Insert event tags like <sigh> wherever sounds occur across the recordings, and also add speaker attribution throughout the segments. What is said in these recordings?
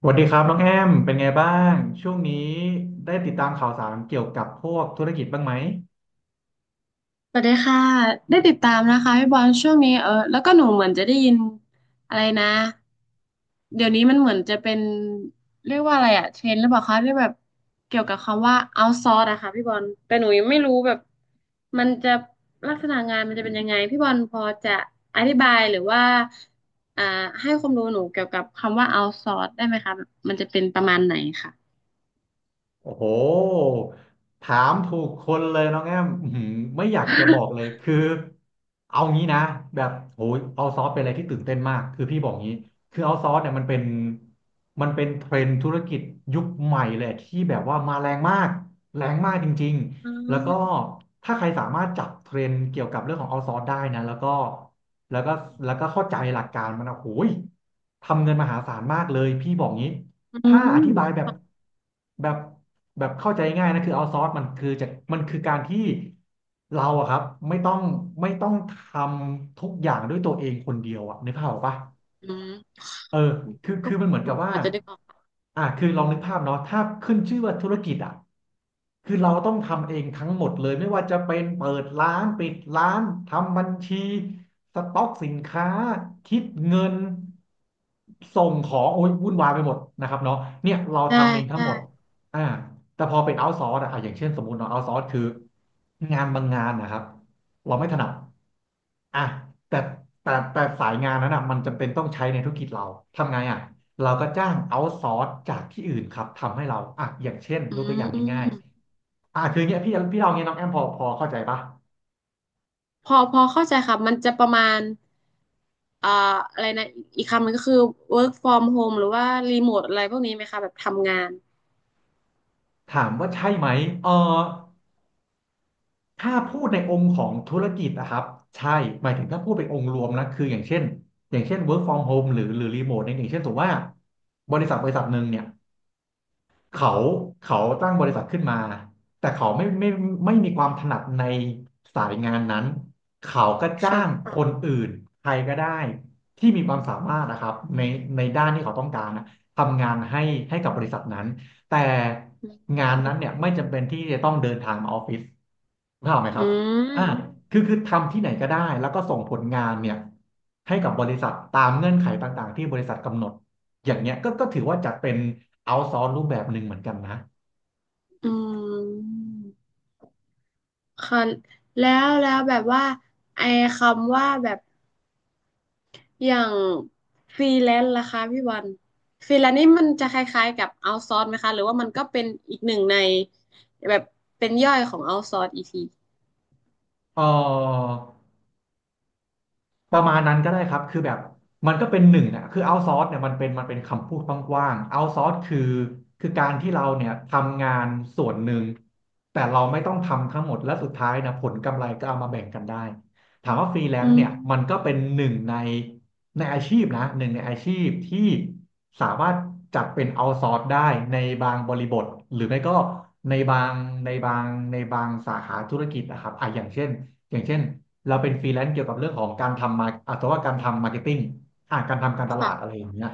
Speaker 1: สวัสดีครับน้องแอมเป็นไงบ้างช่วงนี้ได้ติดตามข่าวสารเกี่ยวกับพวกธุรกิจบ้างไหม
Speaker 2: สวัสดีค่ะได้ติดตามนะคะพี่บอลช่วงนี้แล้วก็หนูเหมือนจะได้ยินอะไรนะเดี๋ยวนี้มันเหมือนจะเป็นเรียกว่าอะไรอะเทรนด์หรือเปล่าคะที่แบบเกี่ยวกับคำว่า outsource อะค่ะพี่บอลแต่หนูยังไม่รู้แบบมันจะลักษณะงานมันจะเป็นยังไงพี่บอลพอจะอธิบายหรือว่าอ่าให้ความรู้หนูเกี่ยวกับคำว่า outsource ได้ไหมคะแบบมันจะเป็นประมาณไหนค่ะ
Speaker 1: โอ้โหถามถูกคนเลยน้องแอมอื้อหือไม่อยากจะบอกเลยคือเอางี้นะแบบโหยเอาซอสเป็นอะไรที่ตื่นเต้นมากคือพี่บอกงี้คือเอาซอสเนี่ยมันเป็นเทรนด์ธุรกิจยุคใหม่เลยที่แบบว่ามาแรงมากแรงมากจริง
Speaker 2: อื
Speaker 1: ๆแล้วก็
Speaker 2: ม
Speaker 1: ถ้าใครสามารถจับเทรนด์เกี่ยวกับเรื่องของเอาซอสได้นะแล้วก็แล้วก็เข้าใจหลักการมันนะโอ้ยทำเงินมหาศาลมากเลยพี่บอกงี้
Speaker 2: อื
Speaker 1: ถ้าอธิบาย
Speaker 2: ม
Speaker 1: แบบแบบเข้าใจง่ายนะคือเอาซอสมันคือจะมันคือการที่เราอะครับไม่ต้องไม่ต้องทำทุกอย่างด้วยตัวเองคนเดียวอะนึกภาพออกปะ
Speaker 2: อืม
Speaker 1: เออคือ
Speaker 2: ก็
Speaker 1: คือมันเหมือนกับ
Speaker 2: พ
Speaker 1: ว่า
Speaker 2: อจะได้
Speaker 1: อ่ะคือลองนึกภาพเนาะถ้าขึ้นชื่อว่าธุรกิจอ่ะคือเราต้องทำเองทั้งหมดเลย ไม่ว่าจะเป็นเปิดร้าน ปิดร้าน ทำบัญชี สต็อกสินค้า คิดเงิน ส่งของโอ้ยวุ่นวายไปหมดนะครับเนาะเนี่ยเรา
Speaker 2: ใช่
Speaker 1: ทำเองทั้ง
Speaker 2: ใช่
Speaker 1: หมดอ่าแต่พอเป็นเอา s ซอร์สอะอ่ะอย่างเช่นสมมุติเนาะเอา s ซอร์สคือ งานบางงานนะครับ เราไม่ถนัดอ่ะแต่แต่สายงานนั้นอ่ะมันจำเป็นต้องใช้ในธุรกิจเรา ทำไงอ่ะเราก็จ้างเอาซอร์สจากที่อื่นครับทำให้เราอ่ะอย่างเช่น
Speaker 2: อื
Speaker 1: ยกตัวอย่างง่าย
Speaker 2: ม
Speaker 1: ๆอ่ะคืออย่างเงี้ยพี่เราเงี้ยน้องแอมพอเข้าใจปะ
Speaker 2: พอเข้าใจค่ะมันจะประมาณอ่าอะไรนะอีกคำหนึ่งก็คือ work from home หรือว่า remote อะไรพวกนี้ไหมคะแบบทำงาน
Speaker 1: ถามว่าใช่ไหมเออถ้าพูดในองค์ของธุรกิจนะครับ ใช่หมายถึงถ้าพูดเป็นองค์รวมนะ คืออย่างเช่น work from home หรือ remote เนี่ยอย่างเช่นสมมติว่าบริษัทหนึ่งเนี่ย เขาเขาตั้งบริษัทขึ้นมาแต่เขาไม่ไม่มีความถนัดในสายงานนั้นเขาก็จ้าง
Speaker 2: ค่ะ
Speaker 1: คนอื่นใครก็ได้ที่มีความสามารถนะครับในด้านที่เขาต้องการนะทำงานให้ให้กับบริษัทนั้นแต่งานนั้นเนี่ยไม่จำเป็นที่จะต้องเดินทางมาออฟฟิศเข้าใจไหมค
Speaker 2: อื
Speaker 1: รับอ่า
Speaker 2: ม
Speaker 1: คือทำที่ไหนก็ได้แล้วก็ส่งผลงานเนี่ยให้กับบริษัทตามเงื่อนไขต่างๆที่บริษัทกำหนด อย่างเงี้ยก็ถือว่าจัดเป็นเอาซอ c e รูปแบบหนึ่งเหมือนกันนะ
Speaker 2: อืมค่ะแล้วแบบว่าไอ้คำว่าแบบอย่างฟรีแลนซ์ล่ะคะพี่วันฟรีแลนซ์นี่มันจะคล้ายๆกับเอา s ซอร์สไหมคะหรือว่ามันก็เป็นอีกหนึ่งในแบบเป็นย่อยของเอา s ซอร์สอีกที
Speaker 1: เออ ประมาณนั้นก็ได้ครับคือแบบมันก็เป็นหนึ่งนะคือ outsource เนี่ยมันเป็นคำพูดกว้างๆ outsource คือคือการที่เราเนี่ยทำงานส่วนหนึ่งแต่เราไม่ต้องทำทั้งหมดและสุดท้ายนะผลกำไรก็เอามาแบ่งกันได้ถามว่าฟรีแล
Speaker 2: อื
Speaker 1: นซ์เนี่ยมันก็
Speaker 2: ม
Speaker 1: เป็นหนึ่งในในอาชีพนะหนึ่งในอาชีพที่สามารถจัดเป็น outsource ได้ในบางบริบทหรือไม่ก็ในบางในบางในบางสาขาธุรกิจนะครับอ่ะอย่างเช่นเราเป็นฟรีแลนซ์เกี่ยวกับเรื่องของการทำมาอาจจะว่าการทำมาร์เก็ตติ้งอ่าการทำการตลาดอะไร
Speaker 2: ค่ะ
Speaker 1: อย่างเงี้ย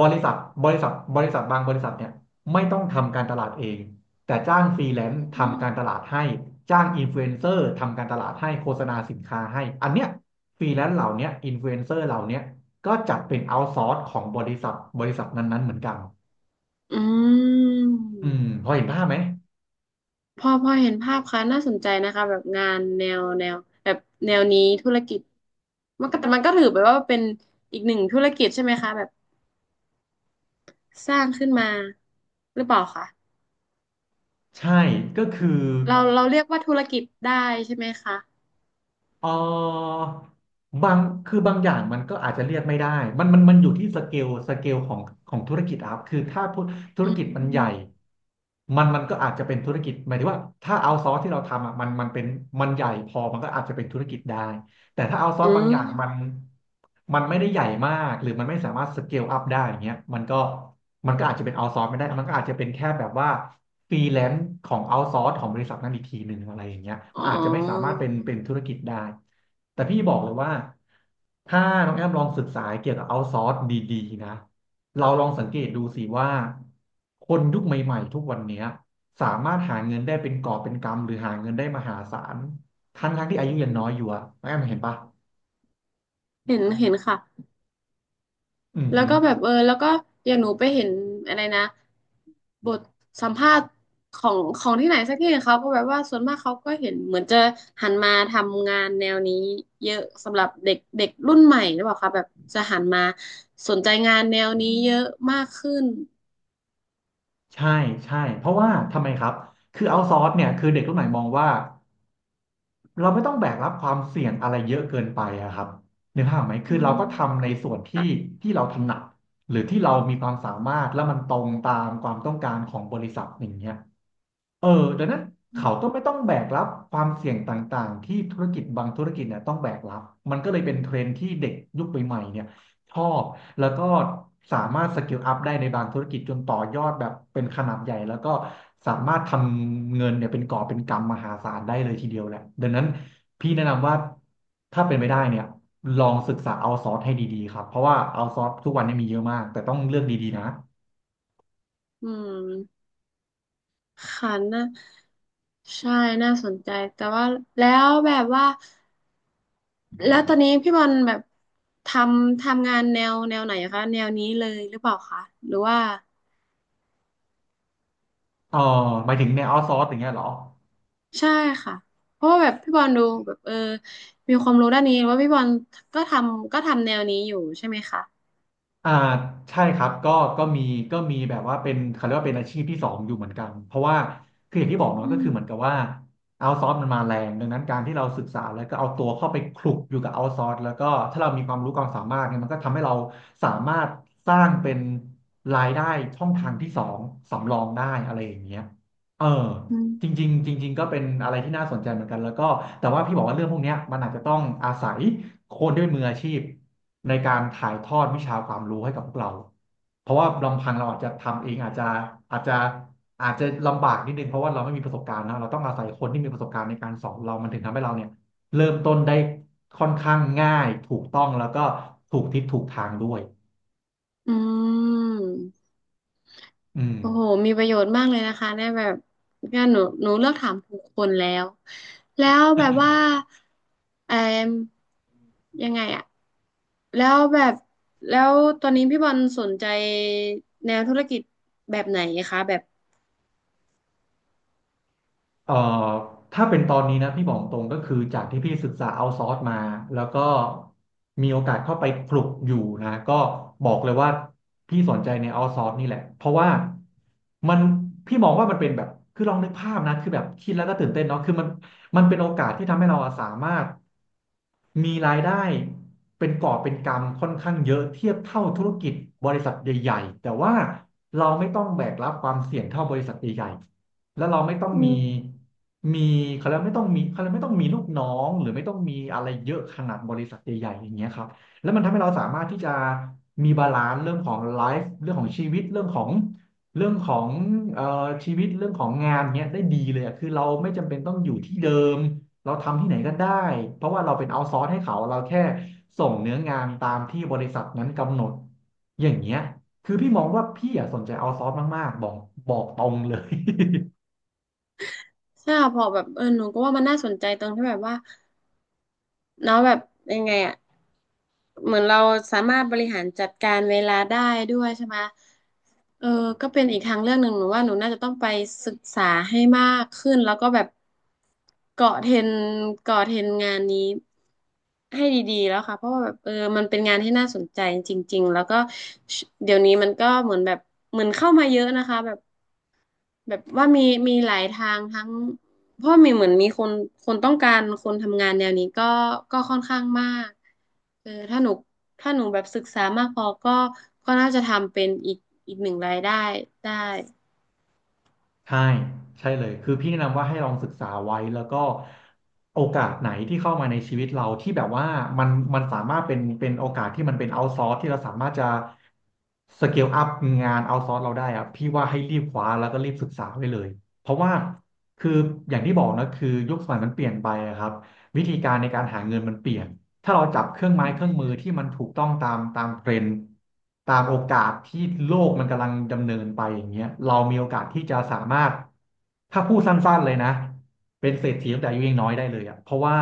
Speaker 1: บริษัทบริษัทบางบริษัทเนี่ยไม่ต้องทำการตลาดเองแต่จ้างฟรีแลนซ์ทำการตลาดให้จ้างอินฟลูเอนเซอร์ทำการตลาดให้โฆษณาสินค้าให้อันเนี้ยฟรีแลนซ์เหล่าเนี้ยอินฟลูเอนเซอร์เหล่าเนี้ยก็จัดเป็นเอาท์ซอร์สของบริษัทบริษัทนั้นๆเหมือนกัน
Speaker 2: อืม
Speaker 1: อืมพอเห็นภาพไหม
Speaker 2: พอเห็นภาพค่ะน่าสนใจนะคะแบบงานแนวแบบแนวนี้ธุรกิจมันก็แต่มันก็ถือไปว่าเป็นอีกหนึ่งธุรกิจใช่ไหมคะแบบสร้างขึ้นมาหรือเปล่าคะ
Speaker 1: ใช่ก็คือ
Speaker 2: เราเรียกว่าธุรกิจได้ใช่ไหมคะ
Speaker 1: เออบางคือบางอย่างมันก็อาจจะเรียกไม่ได้มันอยู่ที่สเกลของของธุรกิจอะครับคือถ้าพูดธุ
Speaker 2: อื
Speaker 1: รกิจมันใหญ่
Speaker 2: ม
Speaker 1: มันก็อาจจะเป็นธุรกิจหมายถึงว่าถ้าเอาซอสที่เราทำอ่ะมันมันเป็นมันใหญ่พอมันก็อาจจะเป็นธุรกิจได้ แต่ถ้าเอาซอ
Speaker 2: อื
Speaker 1: สบาง
Speaker 2: ม
Speaker 1: อย่างมันมันไม่ได้ใหญ่มากหรือมันไม่สามารถสเกลอัพได้อย่างเงี้ยมันก็อาจจะเป็นเอาซอสไม่ได้ มันก็อาจจะเป็นแค่แบบว่าฟรีแลนซ์ของเอาซอสของบริษัทนั้นอีกทีหนึ่งอะไรอย่างเงี้ย
Speaker 2: อ๋อ
Speaker 1: มันอาจจะไม่สามารถเป็นธุรกิจได้แต่พี่บอกเลยว่าถ้าน้องแอมลองศึกษาเกี่ยวกับเอาซอสดีๆนะเราลองสังเกตดูสิว่าคนยุคใหม่ๆทุกวันเนี้ยสามารถหาเงินได้เป็นกอบเป็นกำหรือหาเงินได้มหาศาล ทั้งที่อายุยังน้อยอยู่อะน้องแอม่เห็นปะ
Speaker 2: เห็นเห็นค่ะ
Speaker 1: อือ
Speaker 2: แล้ว
Speaker 1: หือ
Speaker 2: ก็แบบแล้วก็อย่างหนูไปเห็นอะไรนะบทสัมภาษณ์ของของที่ไหนสักที่หนึ่งเขาก็แบบว่าส่วนมากเขาก็เห็นเหมือนจะหันมาทำงานแนวนี้เยอะสำหรับเด็กเด็กรุ่นใหม่หรือเปล่าคะแบบจะหันมาสนใจงานแนวนี้เยอะมากขึ้น
Speaker 1: ใช่ใช่ เพราะว่าทำไมครับคือเอาซอร์สเนี่ยคือเด็กรุ่นใหม่มองว่าเราไม่ต้องแบกรับความเสี่ยงอะไรเยอะเกินไปอะครับนึกภาพไหม
Speaker 2: อื
Speaker 1: คือเราก็ทำใน
Speaker 2: ม
Speaker 1: ส่วนที่ที่เราถนัดหรือที่เรามีความสามารถแล้วมันตรงตามความต้องการของบริษัทอย่างเงี้ย เออดังนั้นเขาก็ไม่ต้องแบกรับความเสี่ยงต่างๆที่ธุรกิจบางธุรกิจเนี่ยต้องแบกรับมันก็เลยเป็นเทรนด์ที่เด็กยุคใหม่ๆเนี่ยชอบแล้วก็สามารถสกิลอัพได้ในบางธุรกิจจนต่อยอดแบบเป็นขนาดใหญ่แล้วก็สามารถทำเงินเนี่ยเป็นก่อบเป็นกำมหาศาลได้เลยทีเดียวแหละดังนั้นพี่แนะนำว่าถ้าเป็นไปได้เนี่ยลองศึกษาเอาซอร์สให้ดีๆครับเพราะว่าเอาซอร์สทุกวันนี้มีเยอะมากแต่ต้องเลือกดีๆนะ
Speaker 2: อืมค่ะนะใช่น่าสนใจแต่ว่าแล้วแบบว่า แล้วตอนนี้พี่บอลแบบททำงานแนวไหนอะคะแนวนี้เลยหรือเปล่าคะหรือว่า
Speaker 1: เออหมายถึงในเอาซอร์สอย่างเงี้ยเหรอ
Speaker 2: ใช่ค่ะเพราะว่าแบบพี่บอลดูแบบมีความรู้ด้านนี้ว่าพี่บอลก็ทำแนวนี้อยู่ใช่ไหมคะ
Speaker 1: อ่าใช่ครับก็ก็มีก็มีแบบว่าเป็นเขาเรียกว่าเป็นอาชีพที่สองอยู่เหมือนกันเพราะว่าคืออย่างที่บอกเนาะก็
Speaker 2: อืม
Speaker 1: คือเหมือนกับว่าเอาซอสมันมาแรงดังนั้นการที่เราศึกษาแล้วก็เอาตัวเข้าไปคลุกอยู่กับเอาซอสแล้วก็ถ้าเรามีความรู้ความสามารถเนี่ยมันก็ทำให้เราสามารถสร้างเป็นรายได้ช่องทางที่สองสำรองได้อะไรอย่างเงี้ยเออ
Speaker 2: อื
Speaker 1: จ
Speaker 2: ม
Speaker 1: ริงๆจริงๆก็เป็นอะไรที่น่าสนใจเหมือนกันแล้วก็แต่ว่าพี่บอกว่าเรื่องพวกเนี้ยมันอาจจะต้องอาศัยคนที่เป็นมืออาชีพในการถ่ายทอดวิชาความรู้ให้กับพวกเราเพราะว่าลำพังเราอาจจะทำเองอาจจะอาจจะอาจจะลำบากนิดนึงเพราะว่าเราไม่มีประสบการณ์นะเราต้องอาศัยคนที่มีประสบการณ์ในการสอนเรามันถึงทำให้เราเนี่ยเริ่มต้นได้ค่อนข้างง่ายถูกต้องแล้วก็ถูกทิศถูกทางด้วย
Speaker 2: อืม
Speaker 1: อื
Speaker 2: โอ้โห
Speaker 1: ม
Speaker 2: มีประโยชน์มากเลยนะคะเนี่ยแบบเนี่ยหนูเลือกถามถูกคนแล้ว แล้วแบบว่าเอมยังไงอะ แล้วแบบ แล้วตอนนี้พี่บอลสนใจแนวธุรกิจแบบไหนคะแบบ
Speaker 1: เอ่อถ้าเป็นตอนนี้นะพี่บอกตรงก็คือจากที่พี่ศึกษาเอาซอร์สมาแล้วก็มีโอกาสเข้าไปคลุกอยู่นะก็บอกเลยว่าพี่สนใจในเอาซอร์สนี่แหละเพราะว่ามันพี่มองว่ามันเป็นแบบคือลองนึกภาพนะคือแบบคิดแล้วก็ตื่นเต้นเนาะคือมันมันเป็นโอกาสที่ทำให้เราอะสามารถมีรายได้เป็นก่อบเป็นกำค่อนข้างเยอะเทียบเท่าธุรกิจบริษัทใหญ่ๆแต่ว่าเราไม่ต้องแบกรับความเสี่ยงเท่าบริษัทใหญ่ แล้วเราไม่ต้อง
Speaker 2: อื
Speaker 1: มี
Speaker 2: ม
Speaker 1: มีเขาเรียกไม่ต้องมีเขาเรียกไม่ต้องมีลูกน้องหรือไม่ต้องมีอะไรเยอะขนาดบริษัทใหญ่ๆอย่างเงี้ยครับแล้วมันทำให้เราสามารถที่จะมีบาลานซ์เรื่องของไลฟ์เรื่องของชีวิตเรื่องของเอ่อชีวิตเรื่องของงานเนี้ยได้ดีเลยอะคือเราไม่จำเป็นต้องอยู่ที่เดิมเราทำที่ไหนก็ได้เพราะว่าเราเป็นเอาท์ซอร์สให้เขาเราแค่ส่งเนื้องานตามที่บริษัทนั้นกำหนดอย่างเงี้ยคือพี่มองว่าพี่อะสนใจเอาท์ซอร์สมากๆบอกตรงเลย
Speaker 2: ใช่ค่ะพอแบบหนูก็ว่ามันน่าสนใจตรงที่แบบว่า เนาะแบบยังไงอะเหมือนเราสามารถบริหารจัดการเวลาได้ด้วยใช่ไหมเออก็เป็นอีกทางเรื่องหนึ่งหนูว่าหนูน่าจะต้องไปศึกษาให้มากขึ้นแล้วก็แบบเกาะเทรนเกาะเทรนงานนี้ให้ดีๆแล้วค่ะเพราะว่าแบบมันเป็นงานที่น่าสนใจจริงๆแล้วก็เดี๋ยวนี้มันก็เหมือนแบบเหมือนเข้ามาเยอะนะคะแบบ แบบว่ามีหลายทางทั้งเพราะมีเหมือนมีคนต้องการคนทำงานแนวนี้ก็ก็ค่อนข้างมากถ้าหนูแบบศึกษามากพอก็น่าจะทำเป็นอีกหนึ่งรายได้ได้
Speaker 1: ใช่ใช่เลยคือพี่แนะนำว่าให้ลองศึกษาไว้แล้วก็โอกาสไหนที่เข้ามาในชีวิตเราที่แบบว่ามันมันสามารถเป็นเป็นโอกาสที่มันเป็นเอาท์ซอร์สที่เราสามารถจะสเกลอัพงานเอาท์ซอร์สเราได้อะพี่ว่าให้รีบคว้าแล้วก็รีบศึกษาไว้เลยเพราะว่าคืออย่างที่บอกนะคือยุคสมัยมันเปลี่ยนไปอะครับวิธีการในการหาเงินมันเปลี่ยน ถ้าเราจับเครื่องไม้
Speaker 2: อื
Speaker 1: เครื่องมือที่
Speaker 2: ม
Speaker 1: มันถูกต้องตามเทรนด์ตามโอกาสที่โลกมันกำลังดำเนินไปอย่างเงี้ยเรามีโอกาสที่จะสามารถถ้าพูดสั้นๆเลยนะเป็นเศรษฐีตั้งแต่อายุยังน้อยได้เลยอ่ะเพราะว่า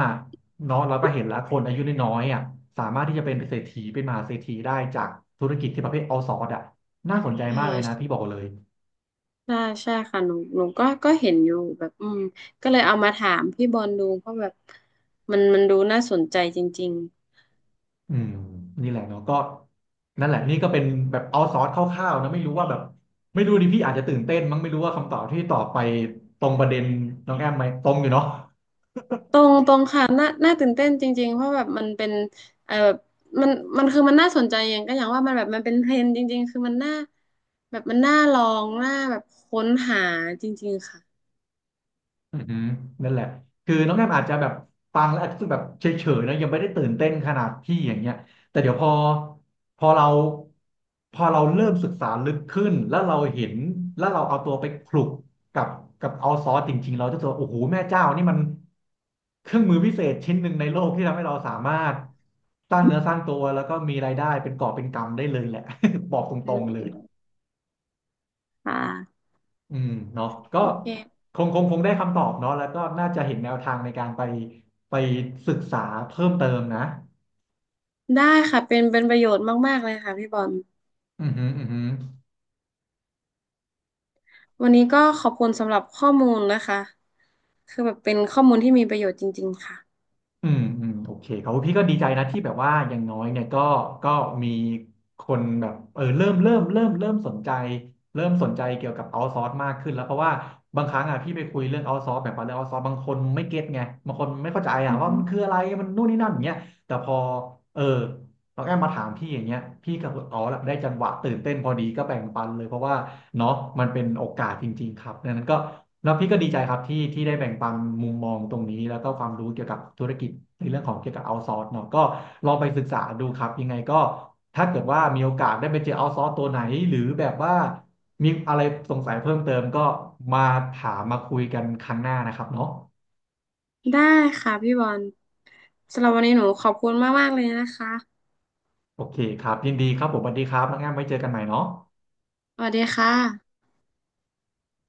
Speaker 1: เนาะเราก็เห็นแล้วคนอายุน้อยๆอ่ะสามารถที่จะเป็นเศรษฐีเป็นมหาเศรษฐีได้จากธุรกิจที่ประเภทเอาซอร์สอ่ะน่าสนใจ
Speaker 2: เอ
Speaker 1: มากเล
Speaker 2: อ
Speaker 1: ยนะพี่บอกเลย
Speaker 2: ใช่ใช่ค่ะหนูก็เห็นอยู่แบบอืมก็เลยเอามาถามพี่บอลดูเพราะแบบมันดูน่าสนใจจริงๆ
Speaker 1: อืมนี่แหละเนาะก็นั่นแหละนี่ก็เป็นแบบเอาซอสคร่าวๆนะไม่รู้ว่าแบบไม่รู้ดิพี่อาจจะตื่นเต้นมั้งไม่รู้ว่าคำตอบที่ตอบไปตรงประเด็นน้องแอมไหมตรงอยู่เนาะ
Speaker 2: ตรงตรงค่ะน่าตื่นเต้นจริงๆเพราะแบบมันเป็นแบบมันมันคือมันน่าสนใจอย่างก็อย่างว่ามันแบบมันเป็นเทรนด์จริงๆคือมันน่าแบบมันน่าลองน่าแบบค้นหาจริงๆค่ะ
Speaker 1: อือหือนั่นแหละ คือน้องแอมอาจจะแบบฟังแล้วอาจจะรู้สึกแบบเฉยๆนะยังไม่ได้ตื่นเต้นขนาดพี่อย่างเงี้ยแต่เดี๋ยวพอเราพอเราเริ่มศึกษาลึกขึ้นแล้วเราเห็นแล้วเราเอาตัวไปคลุกกับกับเอาซอสจริงๆเราจะรู้สึกว่าโอ้โหแม่เจ้านี่มันเครื่องมือพิเศษชิ้นหนึ่งในโลกที่ทำให้เราสามารถสร้างเนื้อสร้างตัวแล้วก็มีรายได้เป็นกอบเป็นกำได้เลยแหละ <laughs> บอกต
Speaker 2: อื
Speaker 1: รงๆเลย
Speaker 2: มค่ะ
Speaker 1: อืมเนาะก็
Speaker 2: โอเค
Speaker 1: คงได้คำตอบเนาะแล้วก็น่าจะเห็นแนวทางในการไปศึกษาเพิ่มเติมนะ
Speaker 2: ได้ค่ะเป็นประโยชน์มากๆเลยค่ะพี่บอล
Speaker 1: อืมอหืมออือหือ
Speaker 2: วันนี้ก็ขอบคุณสำหรับข้อมูลนะคะคือแบบเป็นข้อมูลที่มีประโยชน์จริงๆค่ะ
Speaker 1: อืมโอเคครับพี่ก็ดีใจนะที่แบบว่าอย่างน้อยเนี่ยก็มีคนแบบเออเริ่มสนใจเริ่มสนใจเกี่ยวกับเอาซอร์สมากขึ้นแล้วเพราะว่าบางครั้งอ่ะพี่ไปคุยเรื่องเอาซอร์สแบบว่าเรื่องเอาซอร์สบางคนไม่เก็ตไงบางคนไม่เข้าใจอ่ะ
Speaker 2: อื
Speaker 1: ว่ามั
Speaker 2: ม
Speaker 1: นคืออะไรมันนู่นนี่นั่นอย่างเงี้ยแต่พอเออ น้องแอมมาถามพี่อย่างเงี้ยพี่กับอ๋อละได้จังหวะตื่นเต้นพอดีก็แบ่งปันเลยเพราะว่าเนาะมันเป็นโอกาสจริงๆครับดังนั้นก็แล้วพี่ก็ดีใจครับที่ได้แบ่งปันมุมมองตรงนี้แล้วก็ความรู้เกี่ยวกับธุรกิจในเรื่องของเกี่ยวกับเอาซอร์สเนาะก็ลองไปศึกษาดูครับยังไงก็ถ้าเกิดว่ามีโอกาสได้ไปเจอเอาซอร์สตัวไหนหรือแบบว่ามีอะไรสงสัยเพิ่มเติมก็มาถามมาคุยกันครั้งหน้านะครับเนาะ
Speaker 2: ได้ค่ะพี่บอลสำหรับวันนี้หนูขอบคุณมากๆเลยนะคะ
Speaker 1: โอเคครับยินดีครับผมสวัสดีครับน้องแอมไว้เจอกันใหม่เนาะ
Speaker 2: สวัสดีค่ะ